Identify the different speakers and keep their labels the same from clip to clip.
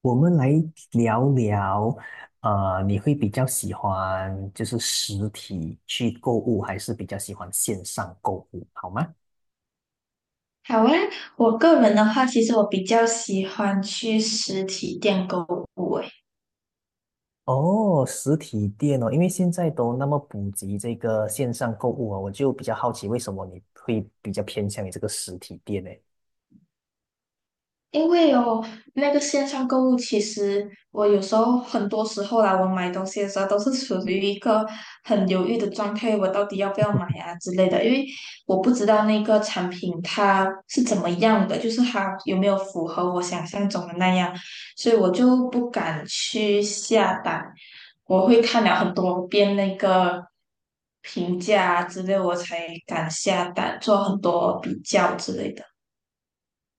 Speaker 1: 我们来聊聊，你会比较喜欢就是实体去购物，还是比较喜欢线上购物，好吗？
Speaker 2: 好啊，我个人的话，其实我比较喜欢去实体店购物。诶。
Speaker 1: 哦，实体店哦，因为现在都那么普及这个线上购物啊，我就比较好奇，为什么你会比较偏向于这个实体店呢？
Speaker 2: 因为哦，那个线上购物，其实我有时候很多时候啦，我买东西的时候都是处于一个很犹豫的状态，我到底要不要买啊之类的，因为我不知道那个产品它是怎么样的，就是它有没有符合我想象中的那样，所以我就不敢去下单，我会看了很多遍那个评价啊之类，我才敢下单，做很多比较之类的。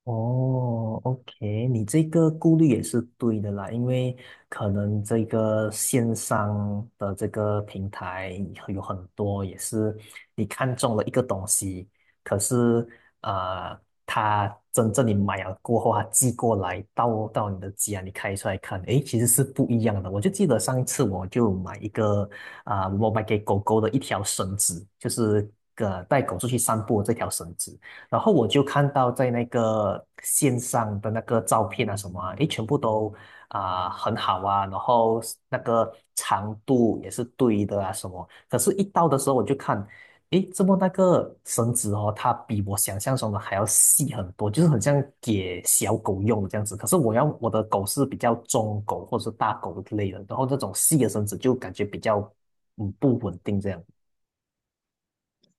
Speaker 1: 哦，OK,你这个顾虑也是对的啦，因为可能这个线上的这个平台有很多也是你看中了一个东西，可是呃，它真正你买了过后，它寄过来到你的家，你开出来看，诶，其实是不一样的。我就记得上一次我就买一个我买给狗狗的一条绳子，就是个带狗出去散步的这条绳子。然后我就看到在那个线上的那个照片啊什么啊，诶，全部都很好啊，然后那个长度也是对的啊什么。可是，一到的时候我就看，诶，怎么那个绳子哦，它比我想象中的还要细很多，就是很像给小狗用的这样子。可是我要我的狗是比较中狗或者是大狗之类的，然后这种细的绳子就感觉比较不稳定这样。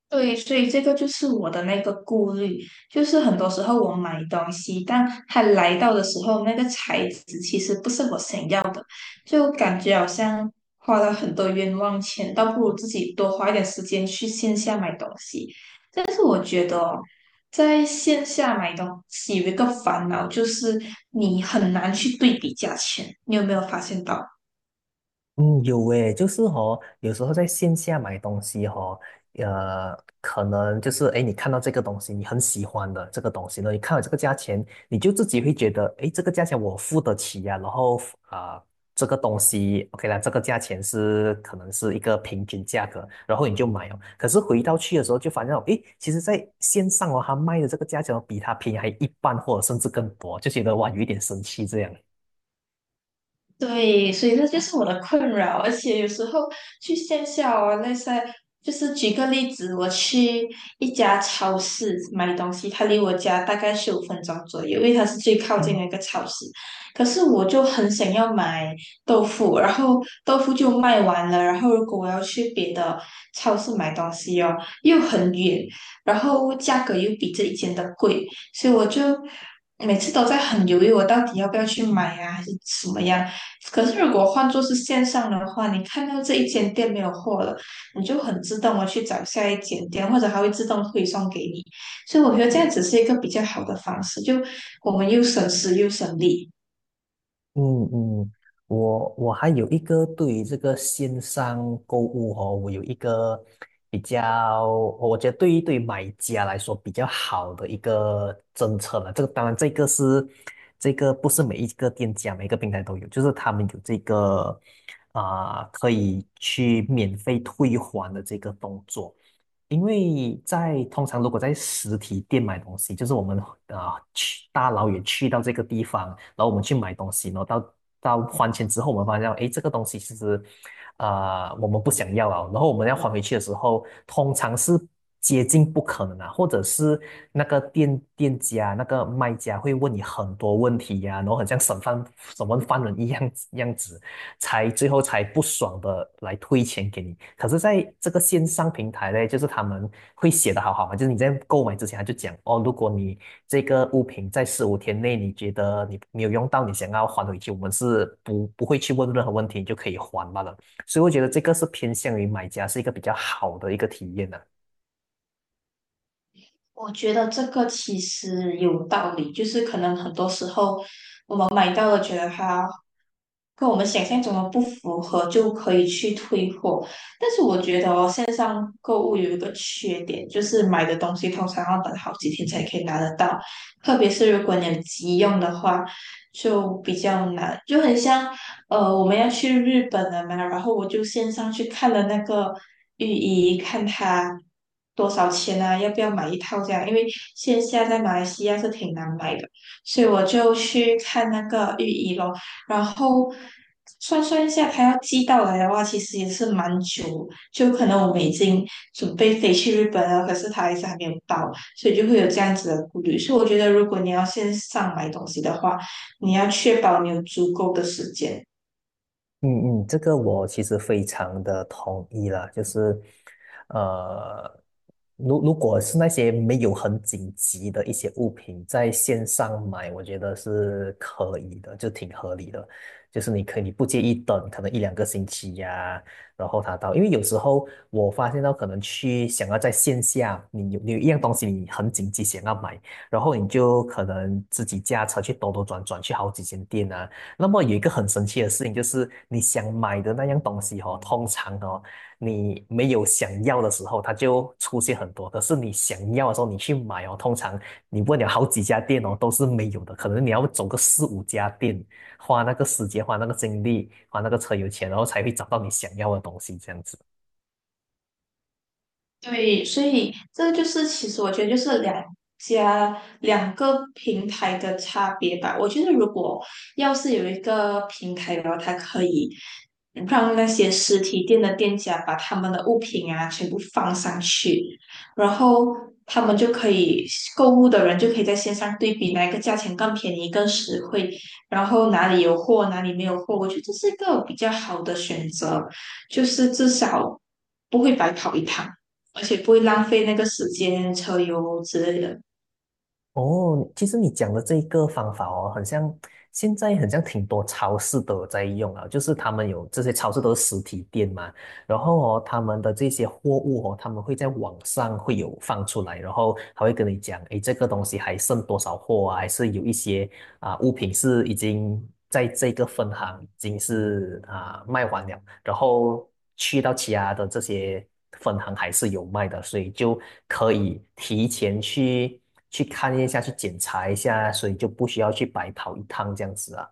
Speaker 2: 对，所以这个就是我的那个顾虑，就是很多时候我买东西，但它来到的时候，那个材质其实不是我想要，就感觉好像花了很多冤枉钱，倒不如自己多花一点时间去线下买东西。但是我觉得哦，在线下买东西有一个烦恼，就是你很难去对比价钱，你有没有发现到？
Speaker 1: 嗯，有诶，就是哦，有时候在线下买东西哦，可能就是诶，你看到这个东西，你很喜欢的这个东西呢，你看到这个价钱，你就自己会觉得，诶，这个价钱我付得起呀、然后啊、这个东西 OK 啦，这个价钱是可能是一个平均价格，然后你就买哦。可是回到去的时候，就发现到，诶，其实在线上哦，他卖的这个价钱哦比他便宜还一半，或者甚至更多，就觉得哇，有一点生气这样。
Speaker 2: 对，所以这就是我的困扰，而且有时候去线下哦，那些就是举个例子，我去一家超市买东西，它离我家大概15分钟左右，因为它是最靠近的一个超市。可是我就很想要买豆腐，然后豆腐就卖完了，然后如果我要去别的超市买东西哦，又很远，然后价格又比这一间的贵，所以我就每次都在很犹豫，我到底要不要去买呀，还是怎么样？可是如果换作是线上的话，你看到这一间店没有货了，你就很自动的去找下一间店，或者它会自动推送给你。所以我觉得这样子是一个比较好的方式，就我们又省时又省力。
Speaker 1: 嗯嗯，我还有一个对于这个线上购物哦，我有一个比较，我觉得对于买家来说比较好的一个政策了。这个当然，这个不是每一个店家每一个平台都有，就是他们有这个可以去免费退还的这个动作。因为在通常如果在实体店买东西，就是我们去大老远去到这个地方，然后我们去买东西，然后到还钱之后，我们发现哎这个东西其实我们不想要啊，然后我们要还回去的时候，通常是接近不可能啊，或者是那个店家那个卖家会问你很多问题呀、然后很像审问犯人一样子，才最后才不爽的来退钱给你。可是在这个线上平台呢，就是他们会写的好好嘛，就是你在购买之前他就讲哦，如果你这个物品在十五天内你觉得你没有用到，你想要还回去，我们是不会去问任何问题，你就可以还罢了。所以我觉得这个是偏向于买家是一个比较好的一个体验呢、
Speaker 2: 我觉得这个其实有道理，就是可能很多时候。买到。跟我们想象中的不符合，就可以去退货。但是我觉得哦，线上购物有一个缺点，就是买的东西通常要等好几天才可以拿得到，特别是如果你有急用的话，就比较难。就很像我们要去日本了嘛，然后我就线上去看了那个浴衣，看它多少钱啊，要不要买一套这样，因为线下在马来西亚是挺难买的。所以我就去看那个浴衣咯，然后算算一下，它要寄到来的话，其实也是蛮久，就可能我们已经准备飞去日本了，可是它还是还没有到，所以就会有这样子的顾虑。所以我觉得，如果你要线上买东西的话，你要确保你有足够的时间。
Speaker 1: 嗯嗯，这个我其实非常的同意啦，就是，呃，如果是那些没有很紧急的一些物品，在线上买，我觉得是可以的，就挺合理的。就是你可以你不介意等，可能一两个星期呀、然后它到，因为有时候我发现到可能去想要在线下，你有一样东西你很紧急想要买，然后你就可能自己驾车去兜兜转转去好几间店啊。那么有一个很神奇的事情，就是你想买的那样东西哦，通常哦，你没有想要的时候，它就出现很多；可是你想要的时候，你去买哦，通常你问了好几家店哦，都是没有的。可能你要走个四五家店，花那个时间，花那个精力，花那个车油钱，然后才会找到你想要的东西，这样子。
Speaker 2: 对，所以这就是其实我觉得就是两个平台的差别吧。我觉得如果要是有一个平台，然后它可以让那些实体店的店家把他们的物品啊全部放上去，然后他们就可以购物的人就可以在线上对比哪一个价钱更便宜、更实惠，然后哪里有货，哪里没有货，我觉得这是一个比较好的选择，就是至少不会白跑一趟。而且不会浪费那个时间、车油之类的。
Speaker 1: 哦，其实你讲的这一个方法哦，很像现在很像挺多超市都有在用啊，就是他们有这些超市都是实体店嘛，然后哦，他们的这些货物哦，他们会在网上会有放出来，然后他会跟你讲，诶，这个东西还剩多少货啊，还是有一些物品是已经在这个分行已经是卖完了，然后去到其他的这些分行还是有卖的，所以就可以提前去看一下，去检查一下，所以就不需要去白跑一趟这样子啊。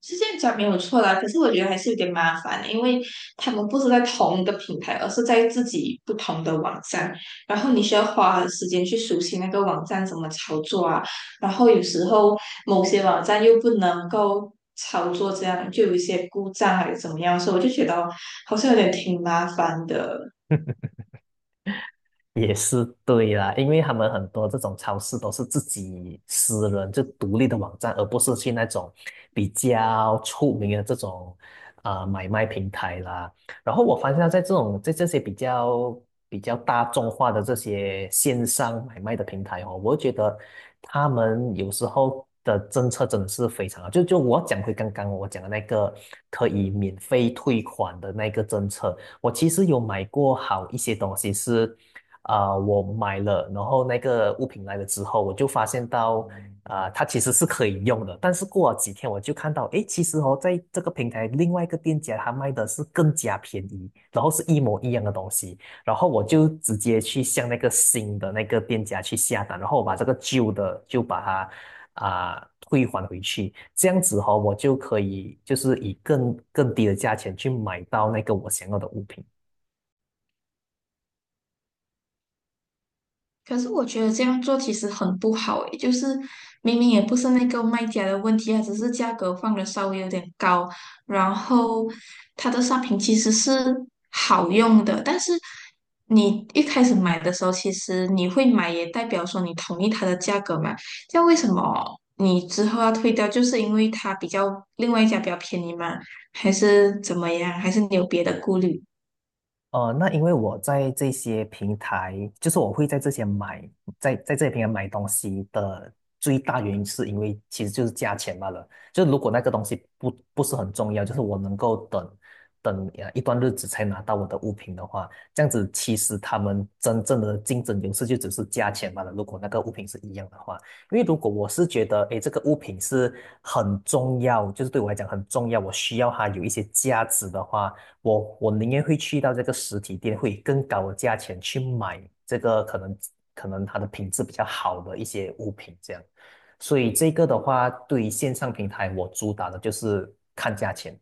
Speaker 2: 是这样讲没有错啦，可是我觉得还是有点麻烦的，因为他们不是在同一个平台，而是在自己不同的网站，然后你需要花时间去熟悉那个网站怎么操作啊，然后有时候某些网站又不能够操作，这样就有一些故障还是怎么样，所以我就觉得好像有点挺麻烦的。
Speaker 1: 也是对啦，因为他们很多这种超市都是自己私人就独立的网站，而不是去那种比较出名的这种买卖平台啦。然后我发现到在这些比较大众化的这些线上买卖的平台哦，我觉得他们有时候的政策真的是非常好。就我讲回刚刚我讲的那个可以免费退款的那个政策，我其实有买过好一些东西是。我买了，然后那个物品来了之后，我就发现到它其实是可以用的，但是过了几天我就看到，诶，其实哦，在这个平台另外一个店家他卖的是更加便宜，然后是一模一样的东西，然后我就直接去向那个新的那个店家去下单，然后我把这个旧的就把它退还回去，这样子哦，我就可以就是以更低的价钱去买到那个我想要的物品。
Speaker 2: 可是我觉得这样做其实很不好诶，就是明明也不是那个卖家的问题啊，只是价格放的稍微有点高，然后它的商品其实是好用的，但是你一开始买的时候，其实你会买也代表说你同意它的价格嘛，这样为什么你之后要退掉？就是因为它比较另外一家比较便宜吗？还是怎么样？还是你有别的顾虑？
Speaker 1: 那因为我在这些平台，就是我会在这些买，在这些平台买东西的最大原因，是因为其实就是价钱罢了。就如果那个东西不是很重要，就是我能够等一段日子才拿到我的物品的话，这样子其实他们真正的竞争优势就只是价钱罢了。如果那个物品是一样的话，因为如果我是觉得，诶，这个物品是很重要，就是对我来讲很重要，我需要它有一些价值的话。我宁愿会去到这个实体店，会以更高的价钱去买这个可能它的品质比较好的一些物品这样。所以这个的话，对于线上平台，我主打的就是看价钱。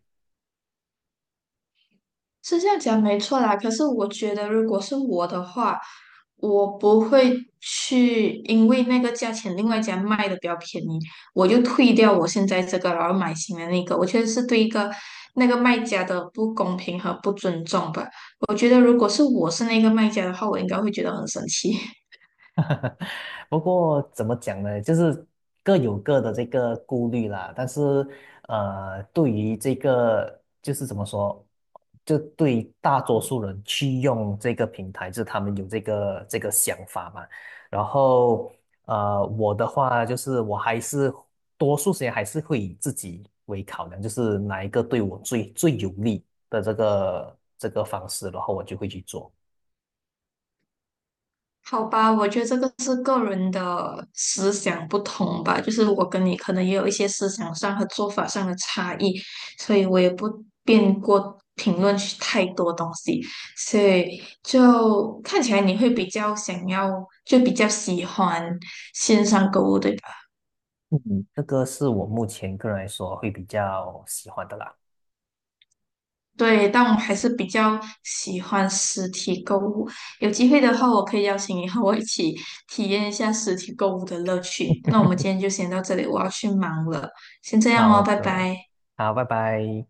Speaker 2: 是这样讲没错啦，可是我觉得如果是我的话，我不会去因为那个价钱，另外一家卖的比较便宜，我就退掉我现在这个，然后买新的那个。我觉得是对一个那个卖家的不公平和不尊重吧。我觉得如果是我是那个卖家的话，我应该会觉得很生气。
Speaker 1: 不过怎么讲呢，就是各有各的这个顾虑啦。但是，对于这个就是怎么说，就对于大多数人去用这个平台，就是他们有这个想法嘛。然后，我的话就是我还是多数时间还是会以自己为考量，就是哪一个对我最有利的这个方式，然后我就会去做。
Speaker 2: 好吧，我觉得这个是个人的思想不同吧，就是我跟你可能也有一些思想上和做法上的差异，所以我也不便过评论去太多东西，所以就看起来你会比较想要，就比较喜欢线上购物，对吧？
Speaker 1: 嗯，这个是我目前个人来说会比较喜欢的啦。
Speaker 2: 对，但我还是比较喜欢实体购物。有机会的话，我可以邀请你和我一起体验一下实体购物的乐趣。那我们今天就先到这里，我要去忙了，先这样哦，
Speaker 1: 好
Speaker 2: 拜
Speaker 1: 的，
Speaker 2: 拜。
Speaker 1: 好，拜拜。